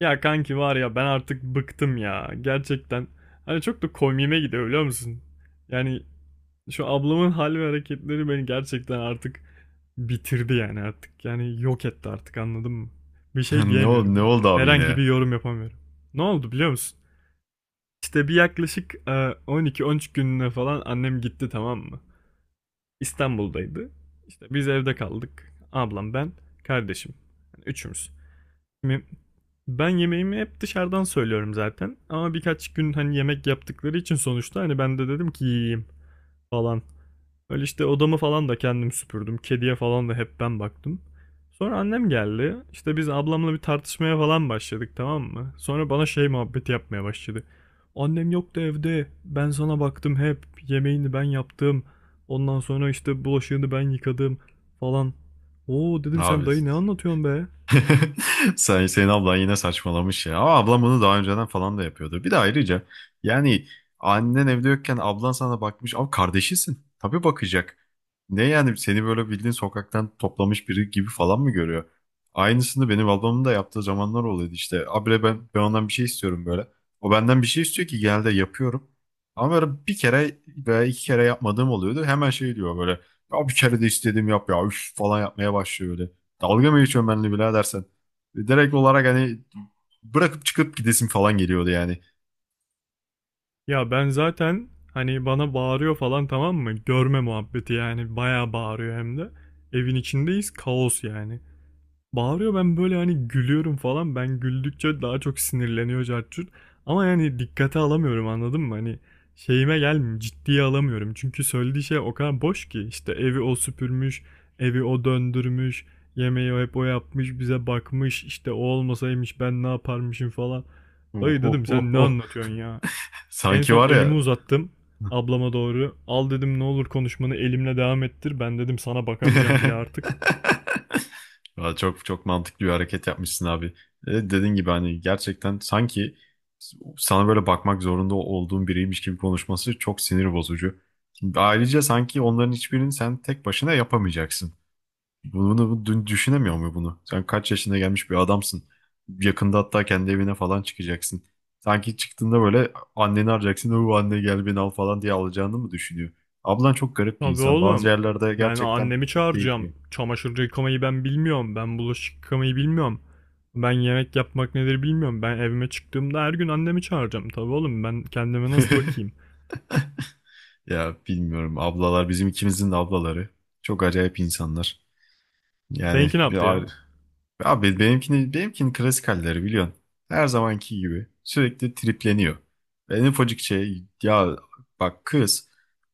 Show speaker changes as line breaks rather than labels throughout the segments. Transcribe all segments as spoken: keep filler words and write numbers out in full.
Ya kanki var ya ben artık bıktım ya gerçekten. Hani çok da komiğime gidiyor biliyor musun? Yani şu ablamın hal ve hareketleri beni gerçekten artık bitirdi yani artık. Yani yok etti artık anladın mı? Bir şey
Ne oldu,
diyemiyorum
ne
artık.
oldu abi yine
Herhangi
ya?
bir yorum yapamıyorum. Ne oldu biliyor musun? İşte bir yaklaşık e, on iki on üç gününe falan annem gitti, tamam mı? İstanbul'daydı. İşte biz evde kaldık. Ablam, ben, kardeşim. Yani üçümüz. Şimdi ben yemeğimi hep dışarıdan söylüyorum zaten. Ama birkaç gün hani yemek yaptıkları için sonuçta hani ben de dedim ki yiyeyim falan. Öyle işte odamı falan da kendim süpürdüm. Kediye falan da hep ben baktım. Sonra annem geldi. İşte biz ablamla bir tartışmaya falan başladık, tamam mı? Sonra bana şey muhabbeti yapmaya başladı. Annem yoktu evde. Ben sana baktım hep. Yemeğini ben yaptım. Ondan sonra işte bulaşığını ben yıkadım falan. Oo dedim, sen
Abi
dayı ne anlatıyorsun be?
Sen, senin ablan yine saçmalamış ya. Ama ablam bunu daha önceden falan da yapıyordu. Bir de ayrıca yani annen evde yokken ablan sana bakmış. Abi kardeşisin. Tabii bakacak. Ne yani seni böyle bildiğin sokaktan toplamış biri gibi falan mı görüyor? Aynısını benim ablamın da yaptığı zamanlar oluyordu işte. Abire ben, ben ondan bir şey istiyorum böyle. O benden bir şey istiyor ki genelde yapıyorum. Ama böyle bir kere veya iki kere yapmadığım oluyordu. Hemen şey diyor böyle. Ya bir kere de istedim yap ya üf falan yapmaya başlıyor. Dalga mı geçiyorsun benimle birader sen? E, Direkt olarak hani bırakıp çıkıp gidesim falan geliyordu yani.
Ya ben zaten hani bana bağırıyor falan, tamam mı? Görme muhabbeti, yani bayağı bağırıyor hem de. Evin içindeyiz, kaos yani. Bağırıyor, ben böyle hani gülüyorum falan. Ben güldükçe daha çok sinirleniyor, cartçut. Ama yani dikkate alamıyorum anladın mı? Hani şeyime gelmiyor, ciddiye alamıyorum. Çünkü söylediği şey o kadar boş ki. İşte evi o süpürmüş, evi o döndürmüş, yemeği o hep o yapmış, bize bakmış. İşte o olmasaymış ben ne yaparmışım falan.
Oh,
Dayı
oh,
dedim,
oh,
sen ne
oh.
anlatıyorsun ya? En
Sanki
son
var
elimi
ya.
uzattım ablama doğru. Al dedim, ne olur konuşmanı elimle devam ettir. Ben dedim sana bakamayacağım bile artık.
Valla çok çok mantıklı bir hareket yapmışsın abi. E, dediğin gibi hani gerçekten sanki sana böyle bakmak zorunda olduğun biriymiş gibi konuşması çok sinir bozucu. Ayrıca sanki onların hiçbirini sen tek başına yapamayacaksın. Bunu, bu- dün düşünemiyor mu bunu? Sen kaç yaşına gelmiş bir adamsın. Yakında hatta kendi evine falan çıkacaksın. Sanki çıktığında böyle anneni arayacaksın. O anne gel beni al falan diye alacağını mı düşünüyor? Ablan çok garip bir
Tabii
insan. Bazı
oğlum.
yerlerde
Ben
gerçekten
annemi
çok değişiyor.
çağıracağım. Çamaşır yıkamayı ben bilmiyorum. Ben bulaşık yıkamayı bilmiyorum. Ben yemek yapmak nedir bilmiyorum. Ben evime çıktığımda her gün annemi çağıracağım. Tabii oğlum, ben kendime nasıl bakayım?
Ya bilmiyorum ablalar bizim ikimizin de ablaları. Çok acayip insanlar. Yani
Seninki ne
bir
yaptı ya?
ar- abi benimkini benimkinin klasik halleri biliyorsun. Her zamanki gibi sürekli tripleniyor. En ufacık şey ya bak kız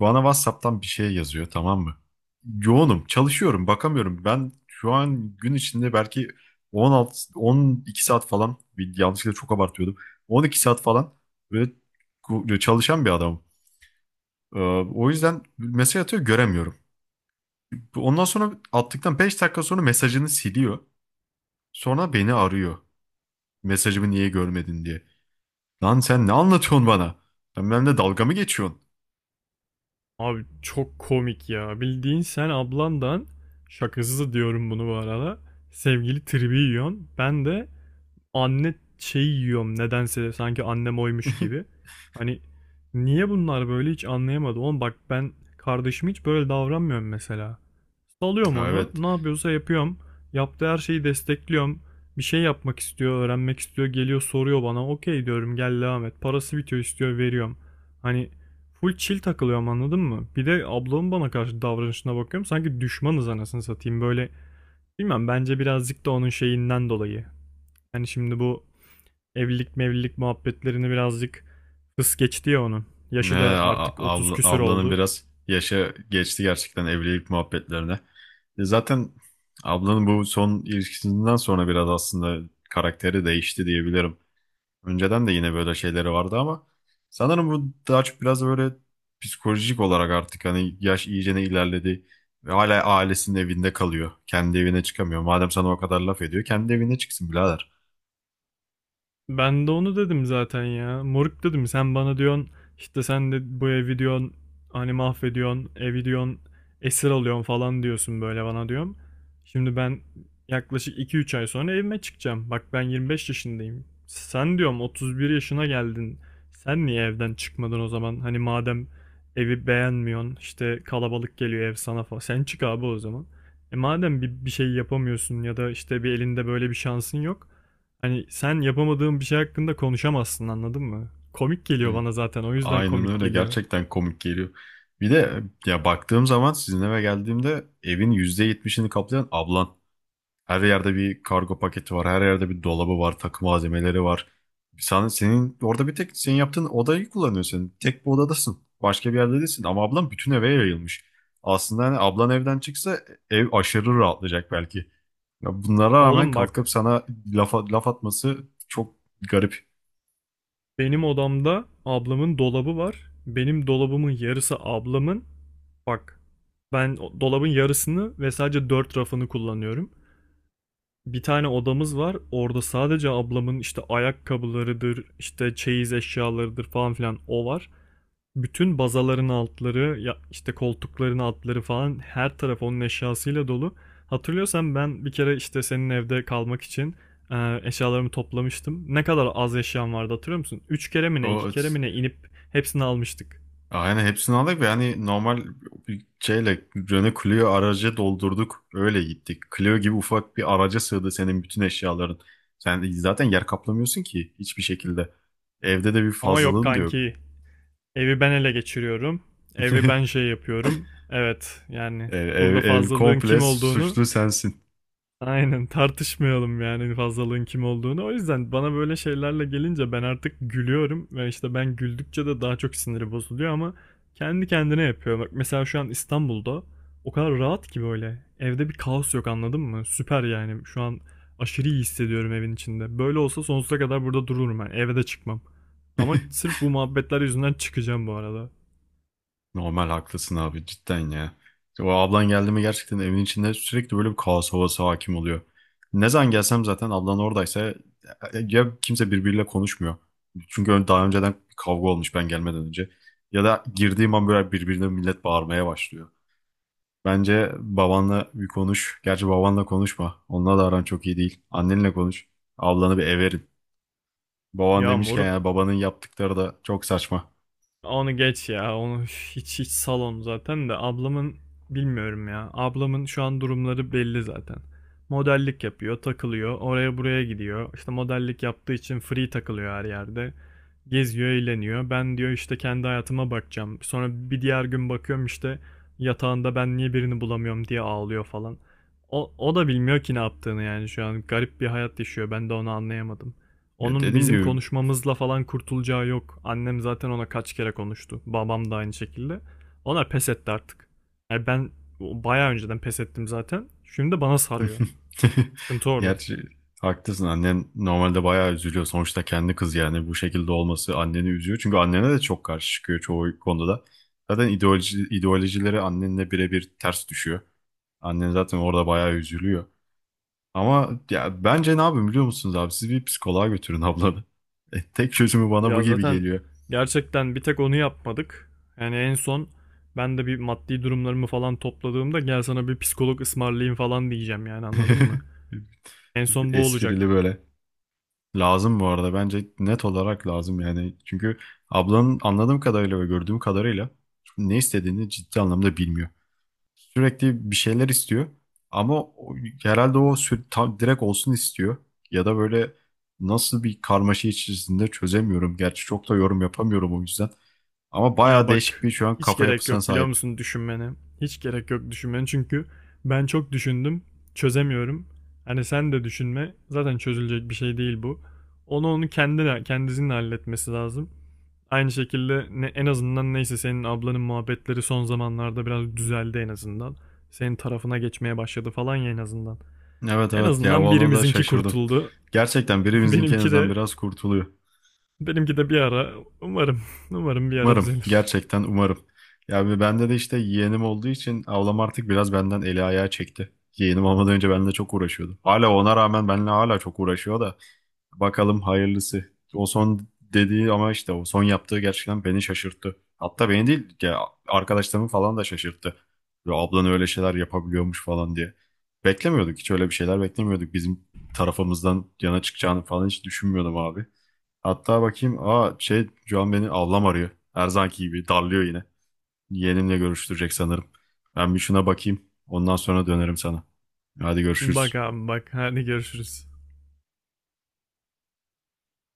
bana WhatsApp'tan bir şey yazıyor tamam mı? Yoğunum, çalışıyorum, bakamıyorum. Ben şu an gün içinde belki on altı on iki saat falan, bir yanlışlıkla çok abartıyordum. on iki saat falan böyle ku- çalışan bir adamım. Ee, O yüzden mesaj atıyor göremiyorum. Bu- Ondan sonra attıktan beş dakika sonra mesajını siliyor. Sonra beni arıyor. Mesajımı niye görmedin diye. Lan sen ne anlatıyorsun bana? Sen benimle dalga mı geçiyorsun?
Abi çok komik ya. Bildiğin sen ablandan, şakasız diyorum bunu bu arada, sevgili tribi yiyorsun. Ben de anne şeyi yiyorum nedense, sanki annem oymuş gibi. Hani niye bunlar böyle hiç anlayamadım. Oğlum bak, ben kardeşim hiç böyle davranmıyorum mesela. Salıyorum
Ha,
onu,
evet.
ne yapıyorsa yapıyorum. Yaptığı her şeyi destekliyorum. Bir şey yapmak istiyor, öğrenmek istiyor, geliyor soruyor bana. Okey diyorum, gel devam et. Parası bitiyor, istiyor, veriyorum. Hani full chill takılıyorum anladın mı? Bir de ablamın bana karşı davranışına bakıyorum. Sanki düşmanız anasını satayım böyle. Bilmem, bence birazcık da onun şeyinden dolayı. Yani şimdi bu evlilik mevlilik muhabbetlerini birazcık hız geçti ya onun.
Ne,
Yaşı da
a-
artık
a-
otuz
abla-
küsür
Ablanın
oldu.
biraz yaşı geçti gerçekten evlilik muhabbetlerine. E, zaten ablanın bu son ilişkisinden sonra biraz aslında karakteri değişti diyebilirim. Önceden de yine böyle şeyleri vardı ama sanırım bu daha çok biraz böyle psikolojik olarak artık hani yaş iyicene ilerledi ve hala ailesinin evinde kalıyor. Kendi evine çıkamıyor. Madem sana o kadar laf ediyor, kendi evine çıksın birader.
Ben de onu dedim zaten ya. Moruk dedim, sen bana diyorsun işte, sen de bu evi diyorsun hani mahvediyorsun evi diyorsun esir alıyorsun falan diyorsun böyle bana diyorum. Şimdi ben yaklaşık iki üç ay sonra evime çıkacağım. Bak ben yirmi beş yaşındayım. Sen diyorum otuz bir yaşına geldin. Sen niye evden çıkmadın o zaman? Hani madem evi beğenmiyorsun, işte kalabalık geliyor ev sana falan. Sen çık abi o zaman. E madem bir, bir şey yapamıyorsun ya da işte bir elinde böyle bir şansın yok. Hani sen yapamadığın bir şey hakkında konuşamazsın anladın mı? Komik geliyor
Hı,
bana, zaten o yüzden
aynen
komik
öyle,
geliyor.
gerçekten komik geliyor. Bir de ya baktığım zaman sizin eve geldiğimde evin yüzde yetmişini kaplayan ablan. Her yerde bir kargo paketi var. Her yerde bir dolabı var. Takım malzemeleri var. Sen, senin orada bir tek senin yaptığın odayı kullanıyorsun. Tek bir odadasın. Başka bir yerde değilsin. Ama ablan bütün eve yayılmış. Aslında hani ablan evden çıksa ev aşırı rahatlayacak belki. Ya bunlara rağmen
Oğlum bak,
kalkıp sana laf, laf atması çok garip.
benim odamda ablamın dolabı var. Benim dolabımın yarısı ablamın. Bak ben o- dolabın yarısını ve sadece dört rafını kullanıyorum. Bir tane odamız var. Orada sadece ablamın işte ayakkabılarıdır, işte çeyiz eşyalarıdır falan filan o var. Bütün bazaların altları, ya işte koltukların altları falan, her taraf onun eşyasıyla dolu. Hatırlıyorsan ben bir kere işte senin evde kalmak için e, eşyalarımı toplamıştım. Ne kadar az eşyam vardı hatırlıyor musun? üç kere mi ne, iki
O,
kere mi ne inip hepsini almıştık.
aynen hepsini aldık ve hani normal bir şeyle Renault Clio aracı doldurduk. Öyle gittik. Clio gibi ufak bir araca sığdı senin bütün eşyaların. Sen zaten yer kaplamıyorsun ki hiçbir şekilde. Evde de bir
Ama yok
fazlalığın da yok.
kanki, evi ben ele geçiriyorum. Evi ben şey yapıyorum. Evet yani
Ev, ev,
burada
ev
fazlalığın
komple
kim olduğunu,
suçlu sensin.
aynen, tartışmayalım yani fazlalığın kim olduğunu. O yüzden bana böyle şeylerle gelince ben artık gülüyorum ve işte ben güldükçe de daha çok siniri bozuluyor, ama kendi kendine yapıyor. Bak mesela şu an İstanbul'da o kadar rahat ki böyle. Evde bir kaos yok anladın mı? Süper yani. Şu an aşırı iyi hissediyorum evin içinde. Böyle olsa sonsuza kadar burada dururum ben. Eve de çıkmam. Ama sırf bu muhabbetler yüzünden çıkacağım bu arada.
Normal haklısın abi cidden ya. İşte o ablan geldi mi gerçekten evin içinde sürekli böyle bir kaos havası hakim oluyor. Ne zaman gelsem zaten ablan oradaysa ya kimse birbiriyle konuşmuyor. Çünkü ön- daha önceden kavga olmuş ben gelmeden önce. Ya da girdiğim an böyle birbirine millet bağırmaya başlıyor. Bence babanla bir konuş. Gerçi babanla konuşma. Onunla da aran çok iyi değil. Annenle konuş. Ablanı bir eve. Baban
Ya
demişken yani
moruk,
babanın yaptıkları da çok saçma.
onu geç ya. Onu hiç hiç salon zaten de ablamın, bilmiyorum ya. Ablamın şu an durumları belli zaten. Modellik yapıyor, takılıyor, oraya buraya gidiyor. İşte modellik yaptığı için free takılıyor her yerde. Geziyor, eğleniyor. Ben diyor işte kendi hayatıma bakacağım. Sonra bir diğer gün bakıyorum, işte yatağında ben niye birini bulamıyorum diye ağlıyor falan. O, o da bilmiyor ki ne yaptığını, yani şu an garip bir hayat yaşıyor. Ben de onu anlayamadım.
Ya
Onun
dediğim
bizim
gibi
konuşmamızla falan kurtulacağı yok. Annem zaten ona kaç kere konuştu. Babam da aynı şekilde. Onlar pes etti artık. Yani ben bayağı önceden pes ettim zaten. Şimdi bana sarıyor. Sıkıntı orada.
gerçi haklısın, annen normalde bayağı üzülüyor. Sonuçta kendi kız yani bu şekilde olması anneni üzüyor. Çünkü annene de çok karşı çıkıyor çoğu konuda da. Zaten ideoloji, ideolojileri annenle birebir ters düşüyor. Annen zaten orada bayağı üzülüyor. Ama ya bence ne yapın biliyor musunuz abi? Siz bir psikoloğa götürün ablanı. E, tek çözümü bana bu
Ya
gibi
zaten
geliyor.
gerçekten bir tek onu yapmadık. Yani en son ben de bir maddi durumlarımı falan topladığımda, gel sana bir psikolog ısmarlayayım falan diyeceğim yani, anladın mı? En son bu
Esprili
olacak.
böyle. Lazım bu arada. Bence net olarak lazım yani. Çünkü ablanın anladığım kadarıyla ve gördüğüm kadarıyla ne istediğini ciddi anlamda bilmiyor. Sürekli bir şeyler istiyor. Ama o- herhalde o sü- tam direkt olsun istiyor. Ya da böyle nasıl bir karmaşa içerisinde çözemiyorum. Gerçi çok da yorum yapamıyorum o yüzden. Ama
Ya
bayağı değişik
bak,
bir şu an
hiç
kafa
gerek
yapısına
yok biliyor
sahip.
musun düşünmene. Hiç gerek yok düşünmene çünkü ben çok düşündüm, çözemiyorum. Hani sen de düşünme, zaten çözülecek bir şey değil bu. Onu onu kendine kendisinin halletmesi lazım. Aynı şekilde ne, en azından neyse, senin ablanın muhabbetleri son zamanlarda biraz düzeldi en azından. Senin tarafına geçmeye başladı falan ya, en azından.
Evet
En
evet ya
azından
ona da
birimizinki
şaşırdım.
kurtuldu.
Gerçekten
Benimki
birimizinkinden
de
biraz kurtuluyor.
benimki de bir ara, umarım umarım bir ara
Umarım.
düzelir.
Gerçekten umarım. Ya bir bende de işte yeğenim olduğu için ablam artık biraz benden eli ayağı çekti. Yeğenim olmadan önce benimle çok uğraşıyordu. Hala ona rağmen benimle hala çok uğraşıyor da bakalım hayırlısı. O son dediği ama işte o son yaptığı gerçekten beni şaşırttı. Hatta beni değil ya arkadaşlarımı falan da şaşırttı. Ya ablan öyle şeyler yapabiliyormuş falan diye. Beklemiyorduk, hiç öyle bir şeyler beklemiyorduk. Bizim tarafımızdan yana çıkacağını falan hiç düşünmüyordum abi. Hatta bakayım. Aa şey şu an beni ablam arıyor. Her zamanki gibi darlıyor yine. Yeğenimle görüştürecek sanırım. Ben bir şuna bakayım. Ondan sonra dönerim sana. Hadi
Bak
görüşürüz.
abi bak, hadi görüşürüz.